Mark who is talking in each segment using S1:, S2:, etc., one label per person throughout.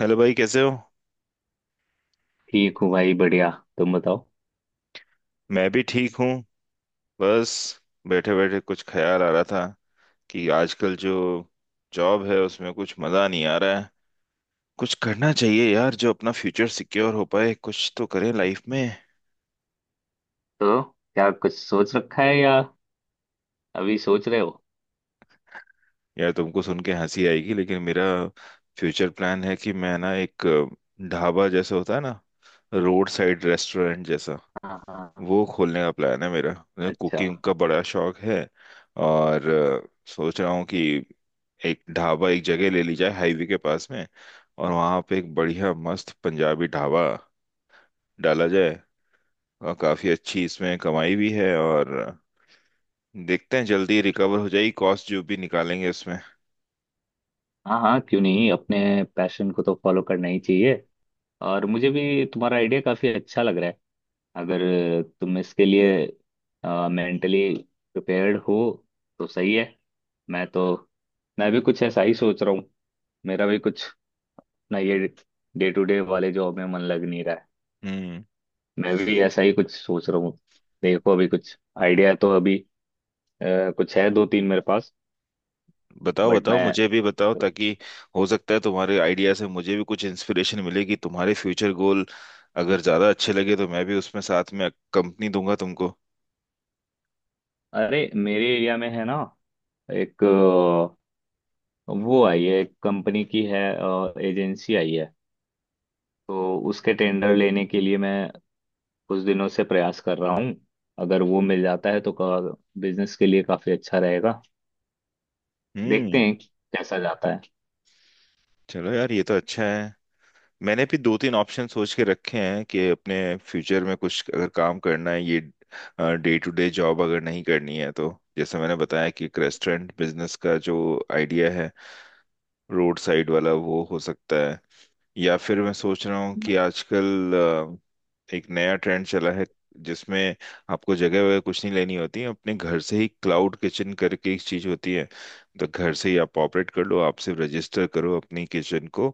S1: Hello भाई, कैसे हो?
S2: ठीक हूँ भाई, बढ़िया। तुम बताओ।
S1: मैं भी ठीक हूँ। बस बैठे बैठे कुछ ख्याल आ रहा था कि आजकल जो जॉब है उसमें कुछ मज़ा नहीं आ रहा है। कुछ करना चाहिए यार, जो अपना फ्यूचर सिक्योर हो पाए, कुछ तो करें लाइफ में।
S2: तो क्या कुछ सोच रखा है या अभी सोच रहे हो?
S1: यार तुमको सुन के हंसी आएगी, लेकिन मेरा फ्यूचर प्लान है कि मैं ना एक ढाबा जैसा होता है ना, रोड साइड रेस्टोरेंट जैसा,
S2: हाँ, हाँ।
S1: वो खोलने का प्लान है मेरा। मुझे
S2: अच्छा।
S1: कुकिंग का बड़ा शौक है। और सोच रहा हूँ कि एक ढाबा, एक जगह ले ली जाए हाईवे के पास में, और वहाँ पे एक बढ़िया मस्त पंजाबी ढाबा डाला जाए। और काफ़ी अच्छी इसमें कमाई भी है, और देखते हैं, जल्दी रिकवर हो जाएगी कॉस्ट जो भी निकालेंगे इसमें।
S2: हाँ, हाँ, क्यों नहीं। अपने पैशन को तो फॉलो करना ही चाहिए। और मुझे भी तुम्हारा आइडिया काफी अच्छा लग रहा है। अगर तुम इसके लिए मेंटली प्रिपेयर्ड हो तो सही है। मैं तो मैं भी कुछ ऐसा ही सोच रहा हूँ। मेरा भी कुछ, ना, ये डे टू डे वाले जॉब में मन लग नहीं रहा है।
S1: हम्म।
S2: मैं भी ऐसा ही कुछ सोच रहा हूँ। देखो, अभी कुछ आइडिया तो अभी कुछ है, दो तीन मेरे पास।
S1: बताओ
S2: बट
S1: बताओ,
S2: मैं।
S1: मुझे भी बताओ, ताकि हो सकता है तुम्हारे आइडिया से मुझे भी कुछ इंस्पिरेशन मिलेगी। तुम्हारे फ्यूचर गोल अगर ज्यादा अच्छे लगे तो मैं भी उसमें साथ में कंपनी दूंगा तुमको।
S2: अरे, मेरे एरिया में है ना, एक वो आई है, एक कंपनी की है, एजेंसी आई है। तो उसके टेंडर लेने के लिए मैं कुछ दिनों से प्रयास कर रहा हूँ। अगर वो मिल जाता है तो बिजनेस के लिए काफी अच्छा रहेगा। देखते
S1: हम्म।
S2: हैं कैसा जाता है।
S1: चलो यार, ये तो अच्छा है। मैंने भी दो तीन ऑप्शन सोच के रखे हैं कि अपने फ्यूचर में कुछ अगर काम करना है, ये डे टू डे जॉब अगर नहीं करनी है तो। जैसे मैंने बताया कि एक रेस्टोरेंट बिजनेस का जो आइडिया है, रोड साइड वाला, वो हो सकता है। या फिर मैं सोच रहा हूँ कि आजकल एक नया ट्रेंड चला है जिसमें आपको जगह वगैरह कुछ नहीं लेनी होती, अपने घर से ही क्लाउड किचन करके एक चीज होती है। तो घर से ही आप ऑपरेट कर लो, आप सिर्फ रजिस्टर करो अपनी किचन को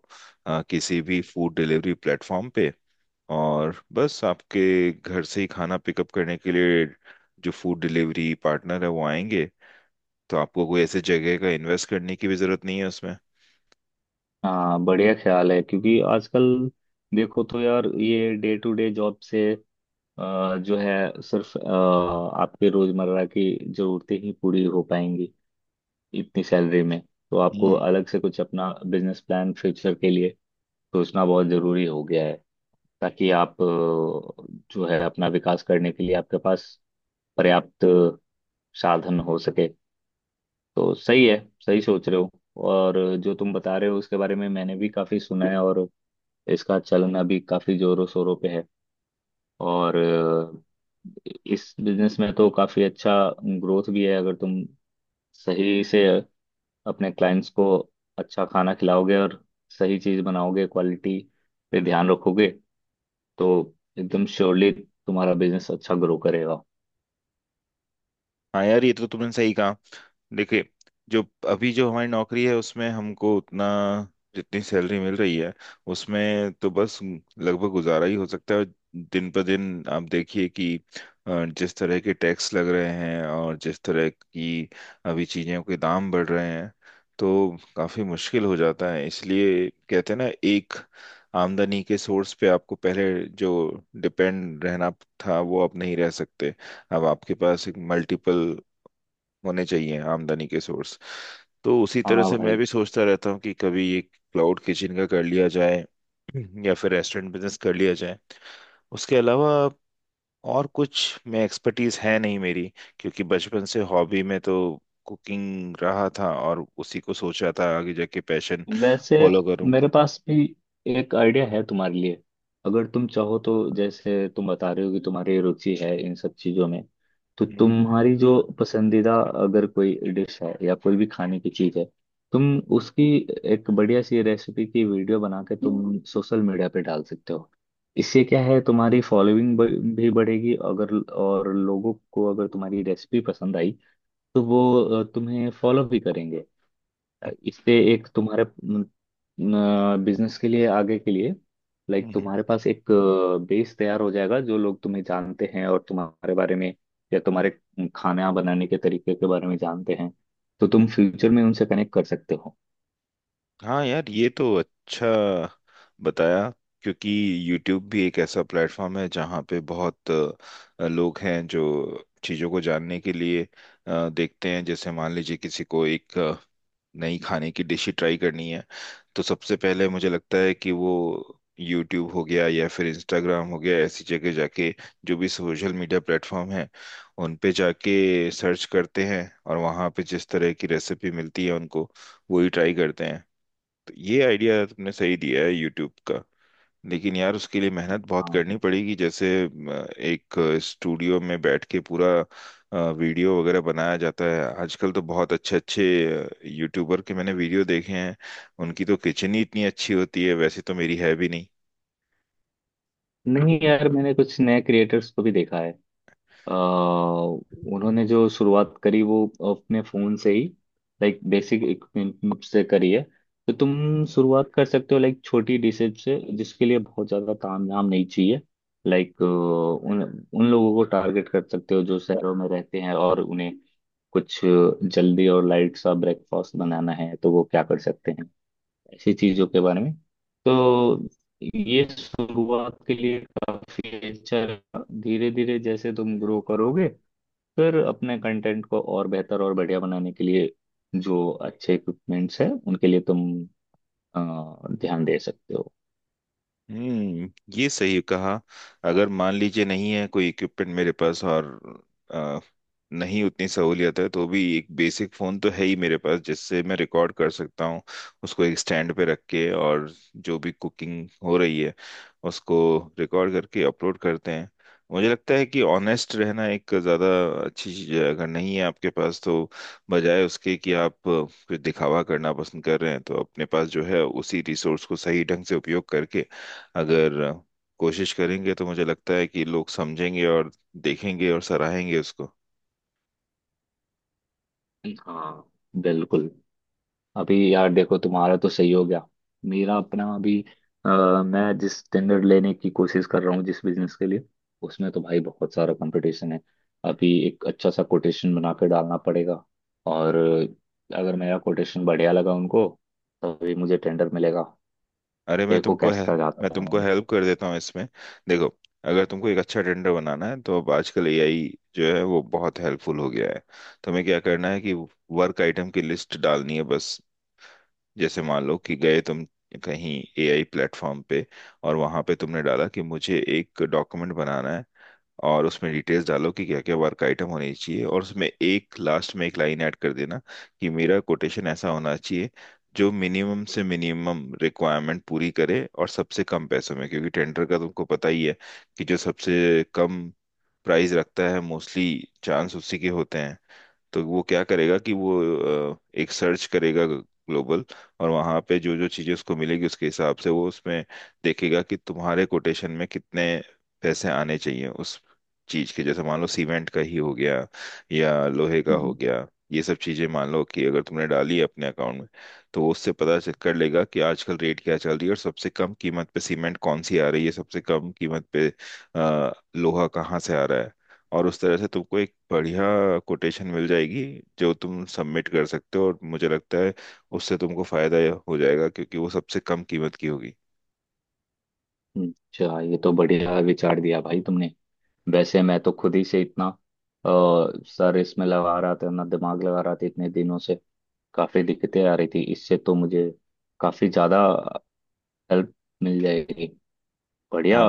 S1: किसी भी फूड डिलीवरी प्लेटफॉर्म पे। और बस आपके घर से ही खाना पिकअप करने के लिए जो फूड डिलीवरी पार्टनर है वो आएंगे। तो आपको कोई ऐसे जगह का इन्वेस्ट करने की भी जरूरत नहीं है उसमें।
S2: हाँ, बढ़िया ख्याल है। क्योंकि आजकल देखो तो यार, ये डे टू डे जॉब से जो है, सिर्फ आपके रोजमर्रा की जरूरतें ही पूरी हो पाएंगी इतनी सैलरी में। तो आपको
S1: हम्म।
S2: अलग से कुछ अपना बिजनेस प्लान फ्यूचर के लिए सोचना बहुत जरूरी हो गया है। ताकि आप जो है, अपना विकास करने के लिए आपके पास पर्याप्त साधन हो सके। तो सही है, सही सोच रहे हो। और जो तुम बता रहे हो उसके बारे में मैंने भी काफी सुना है, और इसका चलन अभी काफी जोरों शोरों पे है। और इस बिजनेस में तो काफी अच्छा ग्रोथ भी है। अगर तुम सही से अपने क्लाइंट्स को अच्छा खाना खिलाओगे और सही चीज बनाओगे, क्वालिटी पे ध्यान रखोगे, तो एकदम श्योरली तुम्हारा बिजनेस अच्छा ग्रो करेगा।
S1: हाँ यार, ये तो तुमने सही कहा। देखिए, जो अभी जो हमारी नौकरी है उसमें हमको उतना, जितनी सैलरी मिल रही है उसमें तो बस लगभग गुजारा ही हो सकता है। दिन पर दिन आप देखिए कि जिस तरह के टैक्स लग रहे हैं और जिस तरह की अभी चीजों के दाम बढ़ रहे हैं, तो काफी मुश्किल हो जाता है। इसलिए कहते हैं ना, एक आमदनी के सोर्स पे आपको पहले जो डिपेंड रहना था वो आप नहीं रह सकते। अब आपके पास एक मल्टीपल होने चाहिए आमदनी के सोर्स। तो उसी तरह
S2: हाँ,
S1: से मैं
S2: भाई।
S1: भी सोचता रहता हूँ कि कभी एक क्लाउड किचन का कर लिया जाए, या फिर रेस्टोरेंट बिजनेस कर लिया जाए। उसके अलावा और कुछ में एक्सपर्टीज है नहीं मेरी, क्योंकि बचपन से हॉबी में तो कुकिंग रहा था, और उसी को सोचा था आगे जाके पैशन
S2: वैसे
S1: फॉलो करूँ।
S2: मेरे पास भी एक आइडिया है तुम्हारे लिए। अगर तुम चाहो तो, जैसे तुम बता रहे हो कि तुम्हारी रुचि है इन सब चीजों में, तो
S1: हम्म,
S2: तुम्हारी जो पसंदीदा, अगर कोई डिश है या कोई भी खाने की चीज है, तुम उसकी एक बढ़िया सी रेसिपी की वीडियो बना के तुम सोशल मीडिया पे डाल सकते हो। इससे क्या है, तुम्हारी फॉलोइंग भी बढ़ेगी। अगर और लोगों को अगर तुम्हारी रेसिपी पसंद आई तो वो तुम्हें फॉलो भी करेंगे। इससे एक तुम्हारे बिजनेस के लिए, आगे के लिए, लाइक
S1: हम्म, हम्म।
S2: तुम्हारे पास एक बेस तैयार हो जाएगा, जो लोग तुम्हें जानते हैं और तुम्हारे बारे में या तुम्हारे खाना बनाने के तरीके के बारे में जानते हैं, तो तुम फ्यूचर में उनसे कनेक्ट कर सकते हो।
S1: हाँ यार, ये तो अच्छा बताया, क्योंकि YouTube भी एक ऐसा प्लेटफॉर्म है जहाँ पे बहुत लोग हैं जो चीज़ों को जानने के लिए देखते हैं। जैसे मान लीजिए, किसी को एक नई खाने की डिश ही ट्राई करनी है, तो सबसे पहले मुझे लगता है कि वो यूट्यूब हो गया, या फिर इंस्टाग्राम हो गया, ऐसी जगह जाके, जो भी सोशल मीडिया प्लेटफॉर्म है, उन पे जाके सर्च करते हैं, और वहाँ पे जिस तरह की रेसिपी मिलती है उनको वही ट्राई करते हैं। तो ये आइडिया तुमने सही दिया है यूट्यूब का। लेकिन यार उसके लिए मेहनत बहुत
S2: हाँ।
S1: करनी पड़ेगी, जैसे एक स्टूडियो में बैठ के पूरा वीडियो वगैरह बनाया जाता है। आजकल तो बहुत अच्छे अच्छे यूट्यूबर के मैंने वीडियो देखे हैं, उनकी तो किचन ही इतनी अच्छी होती है, वैसे तो मेरी है भी नहीं।
S2: नहीं यार, मैंने कुछ नए क्रिएटर्स को भी देखा है। अ, उन्होंने जो शुरुआत करी वो अपने फोन से ही, लाइक बेसिक इक्विपमेंट से करी है। तो तुम शुरुआत कर सकते हो, लाइक छोटी डिशेज से, जिसके लिए बहुत ज्यादा तामझाम नहीं चाहिए। लाइक उन उन लोगों को टारगेट कर सकते हो जो शहरों में रहते हैं, और उन्हें कुछ जल्दी और लाइट सा ब्रेकफास्ट बनाना है तो वो क्या कर सकते हैं, ऐसी चीजों के बारे में। तो ये शुरुआत के लिए काफी अच्छा। धीरे धीरे जैसे तुम ग्रो करोगे, फिर अपने कंटेंट को और बेहतर और बढ़िया बनाने के लिए, जो अच्छे इक्विपमेंट्स हैं उनके लिए तुम अ, ध्यान दे सकते हो।
S1: हम्म। ये सही कहा। अगर मान लीजिए नहीं है कोई इक्विपमेंट मेरे पास, और अ, नहीं उतनी सहूलियत है, तो भी एक बेसिक फोन तो है ही मेरे पास जिससे मैं रिकॉर्ड कर सकता हूँ। उसको एक स्टैंड पे रख के, और जो भी कुकिंग हो रही है उसको रिकॉर्ड करके अपलोड करते हैं। मुझे लगता है कि ऑनेस्ट रहना एक ज़्यादा अच्छी चीज़ है। अगर नहीं है आपके पास तो, बजाय उसके कि आप कुछ दिखावा करना पसंद कर रहे हैं, तो अपने पास जो है उसी रिसोर्स को सही ढंग से उपयोग करके अगर कोशिश करेंगे, तो मुझे लगता है कि लोग समझेंगे और देखेंगे और सराहेंगे उसको।
S2: हाँ, बिल्कुल। अभी यार देखो, तुम्हारा तो सही हो गया। मेरा अपना अभी अ, मैं जिस टेंडर लेने की कोशिश कर रहा हूँ, जिस बिजनेस के लिए, उसमें तो भाई बहुत सारा कंपटीशन है। अभी एक अच्छा सा कोटेशन बना के डालना पड़ेगा। और अगर मेरा कोटेशन बढ़िया लगा उनको, तभी मुझे टेंडर मिलेगा।
S1: अरे,
S2: देखो कैसा
S1: मैं
S2: जाता
S1: तुमको हेल्प कर देता हूँ इसमें। देखो, अगर तुमको एक अच्छा टेंडर बनाना है, तो अब आजकल एआई जो है वो बहुत हेल्पफुल हो गया है। तुम्हें क्या करना है कि वर्क आइटम की लिस्ट डालनी है बस। जैसे मान लो कि गए तुम कहीं एआई प्लेटफॉर्म पे, और वहां पे तुमने डाला कि मुझे एक डॉक्यूमेंट बनाना है, और उसमें डिटेल्स डालो कि क्या क्या वर्क आइटम होने चाहिए, और उसमें एक लास्ट में एक लाइन ऐड कर देना कि मेरा कोटेशन ऐसा होना चाहिए जो मिनिमम से मिनिमम रिक्वायरमेंट पूरी करे और सबसे कम पैसों में, क्योंकि टेंडर का तुमको पता ही है कि जो सबसे कम प्राइस रखता है, मोस्टली चांस उसी के होते हैं। तो वो क्या करेगा कि वो एक सर्च करेगा ग्लोबल, और वहां पे जो जो चीजें उसको मिलेगी उसके हिसाब से वो उसमें देखेगा कि तुम्हारे कोटेशन में कितने पैसे आने चाहिए उस चीज के, जैसे मान लो सीमेंट का ही हो गया, या लोहे का हो
S2: है।
S1: गया। ये सब चीजें मान लो कि अगर तुमने डाली है अपने अकाउंट में, तो वो उससे पता चेक कर लेगा कि आजकल रेट क्या चल रही है, और सबसे कम कीमत पे सीमेंट कौन सी आ रही है, सबसे कम कीमत पे लोहा कहाँ से आ रहा है। और उस तरह से तुमको एक बढ़िया कोटेशन मिल जाएगी जो तुम सबमिट कर सकते हो, और मुझे लगता है उससे तुमको फायदा हो जाएगा, क्योंकि वो सबसे कम कीमत की होगी।
S2: अच्छा, ये तो बढ़िया विचार दिया भाई तुमने। वैसे मैं तो खुद ही से इतना अ, सर इसमें लगा रहा था, अपना दिमाग लगा रहा था इतने दिनों से। काफी दिक्कतें आ रही थी, इससे तो मुझे काफी ज्यादा हेल्प मिल जाएगी। बढ़िया।
S1: हाँ,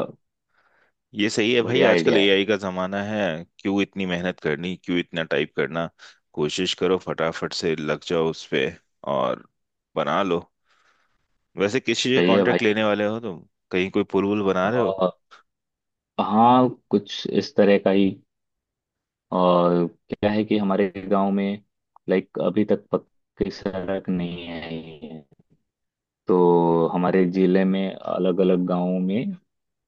S1: ये सही है भाई,
S2: बढ़िया
S1: आजकल
S2: आइडिया है।
S1: एआई का जमाना है। क्यों इतनी मेहनत करनी, क्यों इतना टाइप करना। कोशिश करो, फटाफट से लग जाओ उस पे, और बना लो। वैसे किस चीज़ का
S2: सही है भाई।
S1: कॉन्ट्रैक्ट लेने वाले हो तुम, कहीं कोई पुल वुल बना रहे हो?
S2: आ, हाँ, कुछ इस तरह का ही। और क्या है कि हमारे गांव में, लाइक अभी तक पक्की सड़क नहीं है। तो हमारे जिले में अलग अलग गांवों में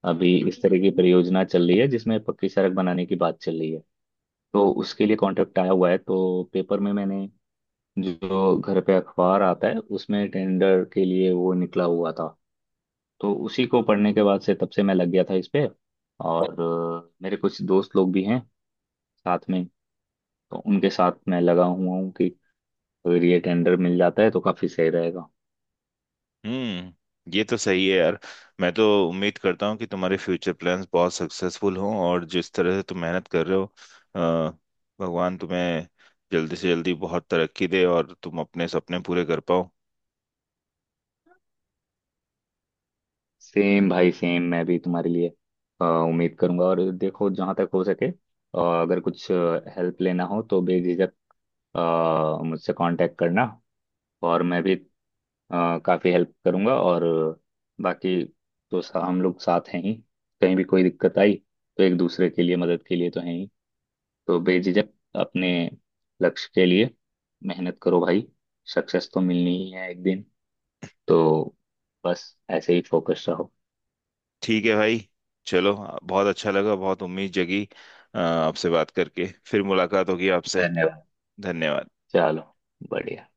S2: अभी इस तरह की परियोजना चल रही है, जिसमें पक्की सड़क बनाने की बात चल रही है। तो उसके लिए कॉन्ट्रैक्ट आया हुआ है, तो पेपर में, मैंने जो घर पे अखबार आता है उसमें, टेंडर के लिए वो निकला हुआ था। तो उसी को पढ़ने के बाद से, तब से मैं लग गया था इस पे। और मेरे कुछ दोस्त लोग भी हैं साथ में, तो उनके साथ मैं लगा हुआ हूँ कि अगर ये टेंडर मिल जाता है तो काफी सही रहेगा।
S1: हम्म। ये तो सही है यार। मैं तो उम्मीद करता हूँ कि तुम्हारे फ्यूचर प्लान्स बहुत सक्सेसफुल हों, और जिस तरह से तुम मेहनत कर रहे हो, अ, भगवान तुम्हें जल्दी से जल्दी बहुत तरक्की दे, और तुम अपने सपने पूरे कर पाओ।
S2: सेम भाई, सेम। मैं भी तुम्हारे लिए उम्मीद करूंगा। और देखो, जहां तक हो सके, अगर कुछ हेल्प लेना हो तो बेझिझक अ, मुझसे कांटेक्ट करना। और मैं भी काफी हेल्प करूंगा। और बाकी तो हम लोग साथ हैं ही। कहीं भी कोई दिक्कत आई, तो एक दूसरे के लिए, मदद के लिए तो हैं ही। तो बेझिझक अपने लक्ष्य के लिए मेहनत करो भाई। सक्सेस तो मिलनी ही है एक दिन। तो बस ऐसे ही फोकस रहो।
S1: ठीक है भाई। चलो। बहुत अच्छा लगा, बहुत उम्मीद जगी, आपसे बात करके। फिर मुलाकात होगी आपसे।
S2: धन्यवाद।
S1: धन्यवाद।
S2: चलो, बढ़िया।